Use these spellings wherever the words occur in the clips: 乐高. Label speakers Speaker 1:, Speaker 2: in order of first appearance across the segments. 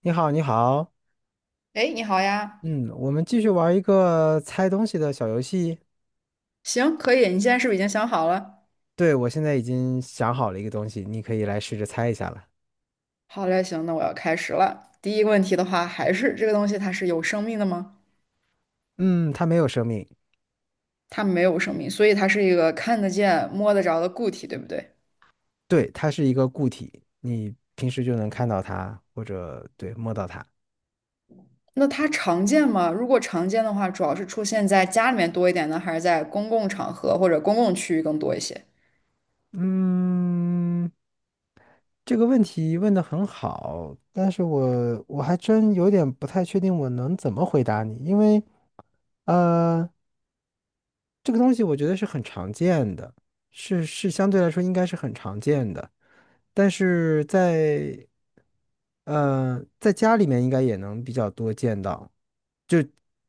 Speaker 1: 你好，你好，
Speaker 2: 哎，你好呀，
Speaker 1: 嗯，我们继续玩一个猜东西的小游戏。
Speaker 2: 行，可以。你现在是不是已经想好了？
Speaker 1: 对，我现在已经想好了一个东西，你可以来试着猜一下了。
Speaker 2: 好嘞，行，那我要开始了。第一个问题的话，还是这个东西它是有生命的吗？
Speaker 1: 嗯，它没有生命。
Speaker 2: 它没有生命，所以它是一个看得见、摸得着的固体，对不对？
Speaker 1: 对，它是一个固体，你平时就能看到它，或者对，摸到它。
Speaker 2: 那它常见吗？如果常见的话，主要是出现在家里面多一点呢，还是在公共场合或者公共区域更多一些？
Speaker 1: 嗯，这个问题问得很好，但是我还真有点不太确定我能怎么回答你，因为，呃。这个东西我觉得是很常见的，是相对来说应该是很常见的，但是在在家里面应该也能比较多见到，就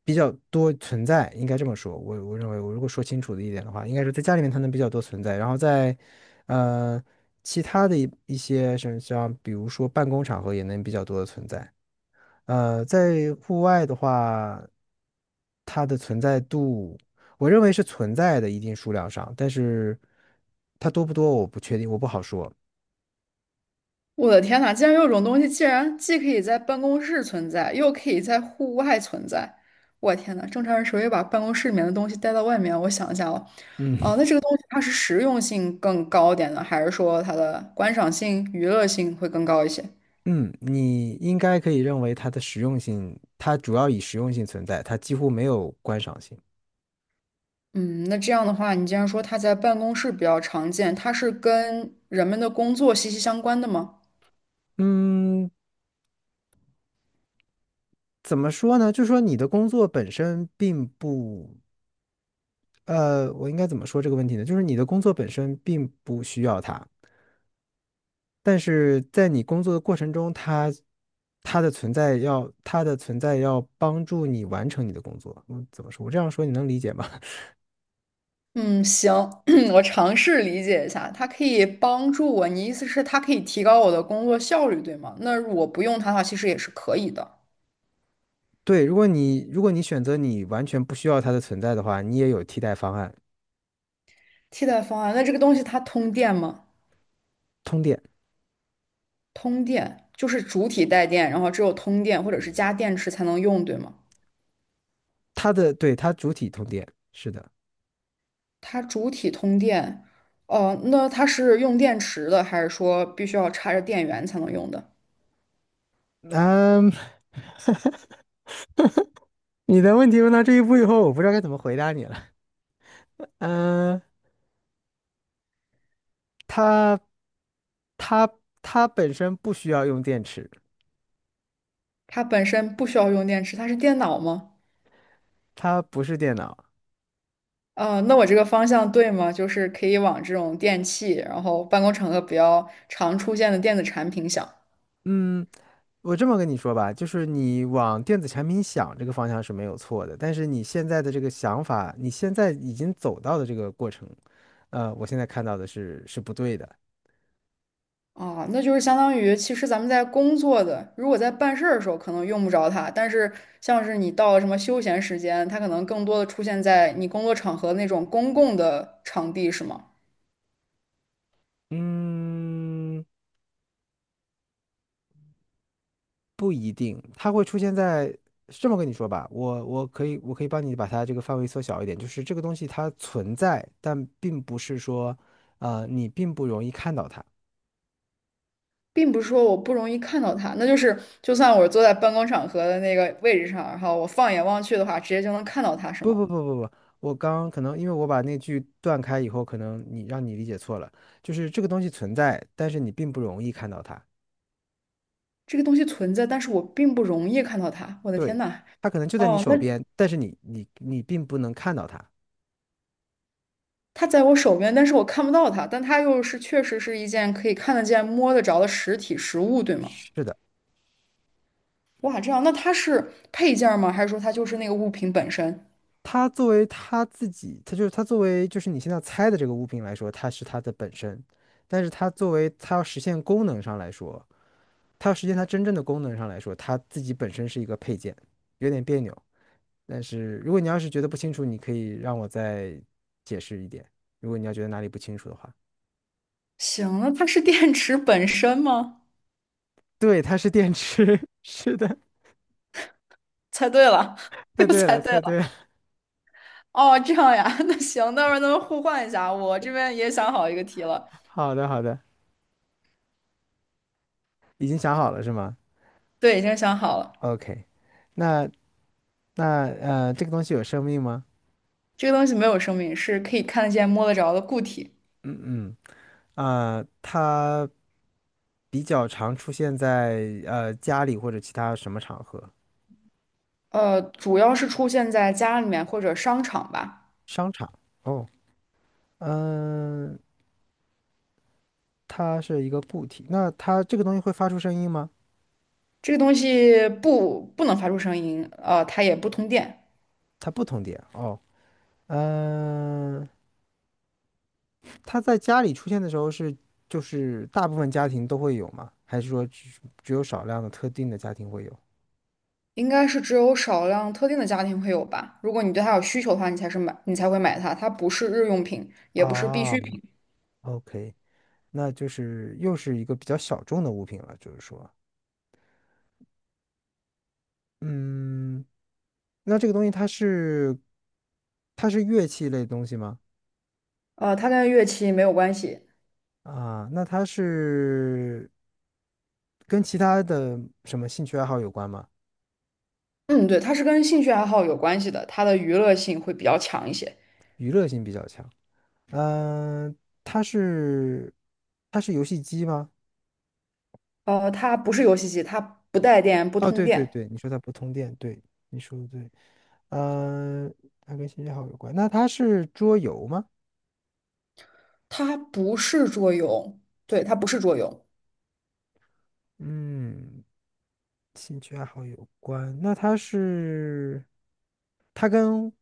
Speaker 1: 比较多存在，应该这么说。我认为我如果说清楚的一点的话，应该是在家里面它能比较多存在，然后在呃其他的一些什么像比如说办公场合也能比较多的存在。在户外的话，它的存在度，我认为是存在的一定数量上，但是它多不多我不确定，我不好说。
Speaker 2: 我的天呐，竟然有种东西，竟然既可以在办公室存在，又可以在户外存在。我的天呐，正常人谁会把办公室里面的东西带到外面？我想一下哦，哦、
Speaker 1: 嗯
Speaker 2: 那这个东西它是实用性更高点呢，还是说它的观赏性、娱乐性会更高一些？
Speaker 1: 嗯，你应该可以认为它的实用性，它主要以实用性存在，它几乎没有观赏性。
Speaker 2: 嗯，那这样的话，你既然说它在办公室比较常见，它是跟人们的工作息息相关的吗？
Speaker 1: 嗯，怎么说呢？就是说你的工作本身并不，我应该怎么说这个问题呢？就是你的工作本身并不需要它。但是在你工作的过程中，它它的存在要它的存在要帮助你完成你的工作。嗯，怎么说？我这样说你能理解吗？
Speaker 2: 嗯，行，我尝试理解一下，它可以帮助我。你意思是它可以提高我的工作效率，对吗？那我不用它的话，其实也是可以的。
Speaker 1: 对，如果你选择你完全不需要它的存在的话，你也有替代方案。
Speaker 2: 替代方案，那这个东西它通电吗？
Speaker 1: 通电。
Speaker 2: 通电就是主体带电，然后只有通电或者是加电池才能用，对吗？
Speaker 1: 它的对它主体通电，是的。
Speaker 2: 它主体通电，哦、那它是用电池的，还是说必须要插着电源才能用的？
Speaker 1: 嗯，你的问题问到这一步以后，我不知道该怎么回答你了。嗯，它它它本身不需要用电池。
Speaker 2: 它本身不需要用电池，它是电脑吗？
Speaker 1: 它不是电脑。
Speaker 2: 那我这个方向对吗？就是可以往这种电器，然后办公场合比较常出现的电子产品想。
Speaker 1: 嗯，我这么跟你说吧，就是你往电子产品想这个方向是没有错的，但是你现在的这个想法，你现在已经走到的这个过程，我现在看到的是不对的。
Speaker 2: 啊，那就是相当于，其实咱们在工作的，如果在办事儿的时候可能用不着它，但是像是你到了什么休闲时间，它可能更多的出现在你工作场合那种公共的场地，是吗？
Speaker 1: 嗯，不一定，它会出现在，是这么跟你说吧，我可以帮你把它这个范围缩小一点，就是这个东西它存在，但并不是说，你并不容易看到它。
Speaker 2: 并不是说我不容易看到它，那就是就算我坐在办公场合的那个位置上，然后我放眼望去的话，直接就能看到它，是
Speaker 1: 不
Speaker 2: 吗？
Speaker 1: 不不不不，我刚刚可能因为我把那句断开以后，可能你让你理解错了，就是这个东西存在，但是你并不容易看到它。
Speaker 2: 这个东西存在，但是我并不容易看到它。我的天
Speaker 1: 对，
Speaker 2: 呐！
Speaker 1: 它可能就在你
Speaker 2: 哦，那
Speaker 1: 手边，但是你并不能看到它。
Speaker 2: 它在我手边，但是我看不到它，但它又是确实是一件可以看得见、摸得着的实体实物，对吗？
Speaker 1: 是的，
Speaker 2: 哇，这样，那它是配件儿吗？还是说它就是那个物品本身？
Speaker 1: 它就是它作为就是你现在猜的这个物品来说，它是它的本身，但是它作为它要实现功能上来说，它要实现它真正的功能上来说，它自己本身是一个配件，有点别扭。但是如果你要是觉得不清楚，你可以让我再解释一点。如果你要觉得哪里不清楚的话，
Speaker 2: 行，那它是电池本身吗？
Speaker 1: 对，它是电池，是的。
Speaker 2: 猜对了，
Speaker 1: 猜
Speaker 2: 又
Speaker 1: 对
Speaker 2: 猜
Speaker 1: 了，
Speaker 2: 对
Speaker 1: 猜对
Speaker 2: 了。
Speaker 1: 了。
Speaker 2: 哦，这样呀，那行，待会儿咱们互换一下，我这边也想好一个题了。
Speaker 1: 好的，好的，已经想好了是吗
Speaker 2: 对，已经想好了，
Speaker 1: ？OK，那那这个东西有生命吗？
Speaker 2: 这个东西没有生命，是可以看得见、摸得着的固体。
Speaker 1: 嗯嗯，呃，它比较常出现在家里或者其他什么场合？
Speaker 2: 主要是出现在家里面或者商场吧。
Speaker 1: 商场。哦，嗯，它是一个固体。那它这个东西会发出声音吗？
Speaker 2: 这个东西不能发出声音，它也不通电，
Speaker 1: 它不通电。哦。嗯，他在家里出现的时候就是大部分家庭都会有吗？还是说只有少量的特定的家庭会有？
Speaker 2: 应该是只有少量特定的家庭会有吧。如果你对它有需求的话，你才是买，你才会买它。它不是日用品，也不是必
Speaker 1: 啊
Speaker 2: 需品，
Speaker 1: ，OK，那就是又是一个比较小众的物品了，就是说，嗯，那这个东西它是乐器类的东西吗？
Speaker 2: 它跟乐器没有关系。
Speaker 1: 啊，那它是跟其他的什么兴趣爱好有关吗？
Speaker 2: 嗯，对，它是跟兴趣爱好有关系的，它的娱乐性会比较强一些。
Speaker 1: 娱乐性比较强。嗯，它是它是游戏机吗？
Speaker 2: 它不是游戏机，它不带电，不
Speaker 1: 哦，
Speaker 2: 通
Speaker 1: 对对
Speaker 2: 电，
Speaker 1: 对，你说它不通电，对，你说的对。嗯、它跟兴趣爱好有关，那它是桌游吗？
Speaker 2: 它不是桌游，对，它不是桌游，
Speaker 1: 嗯，兴趣爱好有关，那它是，它跟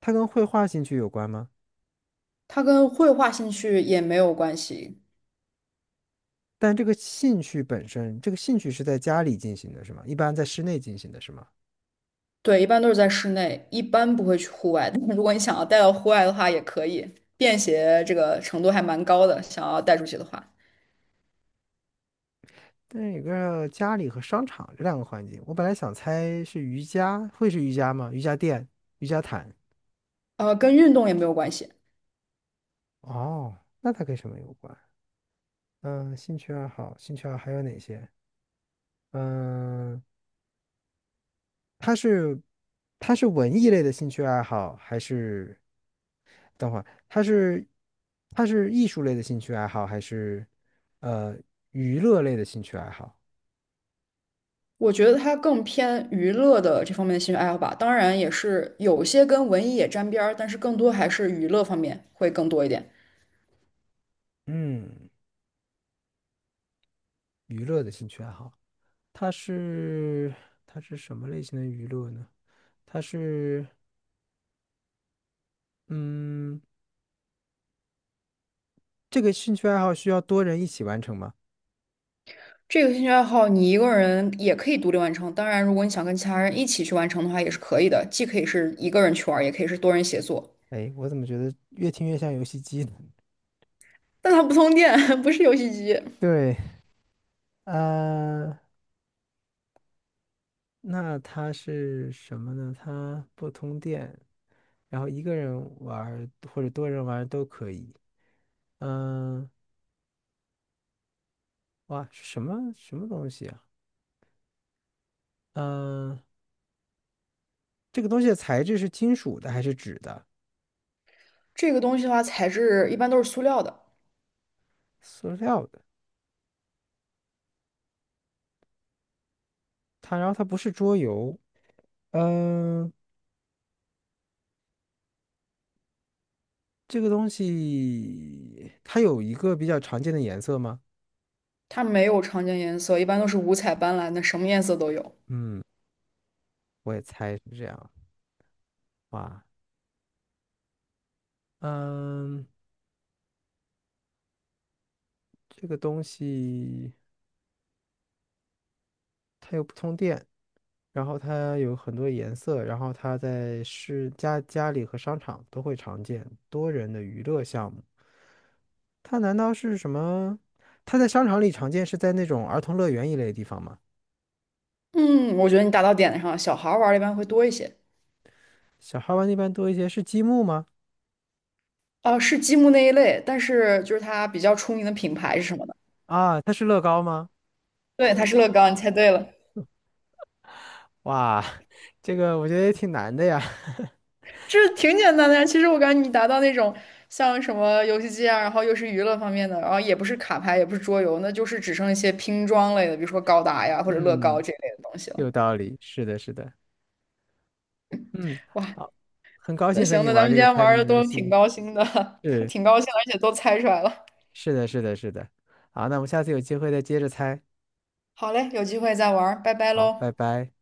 Speaker 1: 它跟绘画兴趣有关吗？
Speaker 2: 它跟绘画兴趣也没有关系。
Speaker 1: 但这个兴趣本身，这个兴趣是在家里进行的，是吗？一般在室内进行的是吗？
Speaker 2: 对，一般都是在室内，一般不会去户外。但是如果你想要带到户外的话，也可以，便携这个程度还蛮高的。想要带出去的话，
Speaker 1: 但是有个家里和商场这两个环境，我本来想猜是瑜伽，会是瑜伽吗？瑜伽垫、瑜伽毯。
Speaker 2: 跟运动也没有关系。
Speaker 1: 哦，那它跟什么有关？嗯，兴趣爱好，兴趣爱好还有哪些？嗯，它是它是文艺类的兴趣爱好，还是等会儿它是它是艺术类的兴趣爱好，还是呃娱乐类的兴趣爱好？
Speaker 2: 我觉得它更偏娱乐的这方面的兴趣爱好吧。当然，也是有些跟文艺也沾边儿，但是更多还是娱乐方面会更多一点。
Speaker 1: 嗯，娱乐的兴趣爱好，它是它是什么类型的娱乐呢？它是嗯，这个兴趣爱好需要多人一起完成吗？
Speaker 2: 这个兴趣爱好你一个人也可以独立完成。当然，如果你想跟其他人一起去完成的话，也是可以的。既可以是一个人去玩儿，也可以是多人协作。
Speaker 1: 哎，我怎么觉得越听越像游戏机呢？
Speaker 2: 但它不通电，不是游戏机。
Speaker 1: 对。呃，那它是什么呢？它不通电，然后一个人玩儿或者多人玩儿都可以。嗯、哇，是什么什么东西啊？嗯、这个东西的材质是金属的还是纸的？
Speaker 2: 这个东西的话，材质一般都是塑料的，
Speaker 1: 塑料的。它，然后它不是桌游。嗯、这个东西它有一个比较常见的颜色吗？
Speaker 2: 它没有常见颜色，一般都是五彩斑斓的，什么颜色都有。
Speaker 1: 嗯，我也猜是这样。哇，嗯、这个东西它又不通电。然后它有很多颜色，然后它在家里和商场都会常见，多人的娱乐项目。它难道是什么？它在商场里常见，是在那种儿童乐园一类的地方吗？
Speaker 2: 嗯，我觉得你打到点子上了，小孩儿玩儿的一般会多一些。
Speaker 1: 小孩玩那边多一些，是积木吗？
Speaker 2: 哦，是积木那一类，但是就是它比较出名的品牌是什么呢？
Speaker 1: 啊，它是乐高吗？
Speaker 2: 对，它是乐高，你猜对了，
Speaker 1: 哇，这个我觉得也挺难的呀。
Speaker 2: 这挺简单的呀。其实我感觉你达到那种像什么游戏机啊，然后又是娱乐方面的，然后也不是卡牌，也不是桌游，那就是只剩一些拼装类的，比如说高达呀或者乐高
Speaker 1: 嗯，
Speaker 2: 这类的东西了。
Speaker 1: 有道理，是的，是的。嗯，
Speaker 2: 哇，
Speaker 1: 好，很高
Speaker 2: 那
Speaker 1: 兴和
Speaker 2: 行，
Speaker 1: 你
Speaker 2: 那咱们
Speaker 1: 玩这
Speaker 2: 今
Speaker 1: 个
Speaker 2: 天
Speaker 1: 猜
Speaker 2: 玩
Speaker 1: 谜
Speaker 2: 的
Speaker 1: 游
Speaker 2: 都挺
Speaker 1: 戏。
Speaker 2: 高兴的，
Speaker 1: 是，
Speaker 2: 挺高兴，而且都猜出来了。
Speaker 1: 是的，是的，是的。好，那我们下次有机会再接着猜。
Speaker 2: 好嘞，有机会再玩儿拜拜
Speaker 1: 好，
Speaker 2: 喽。
Speaker 1: 拜拜。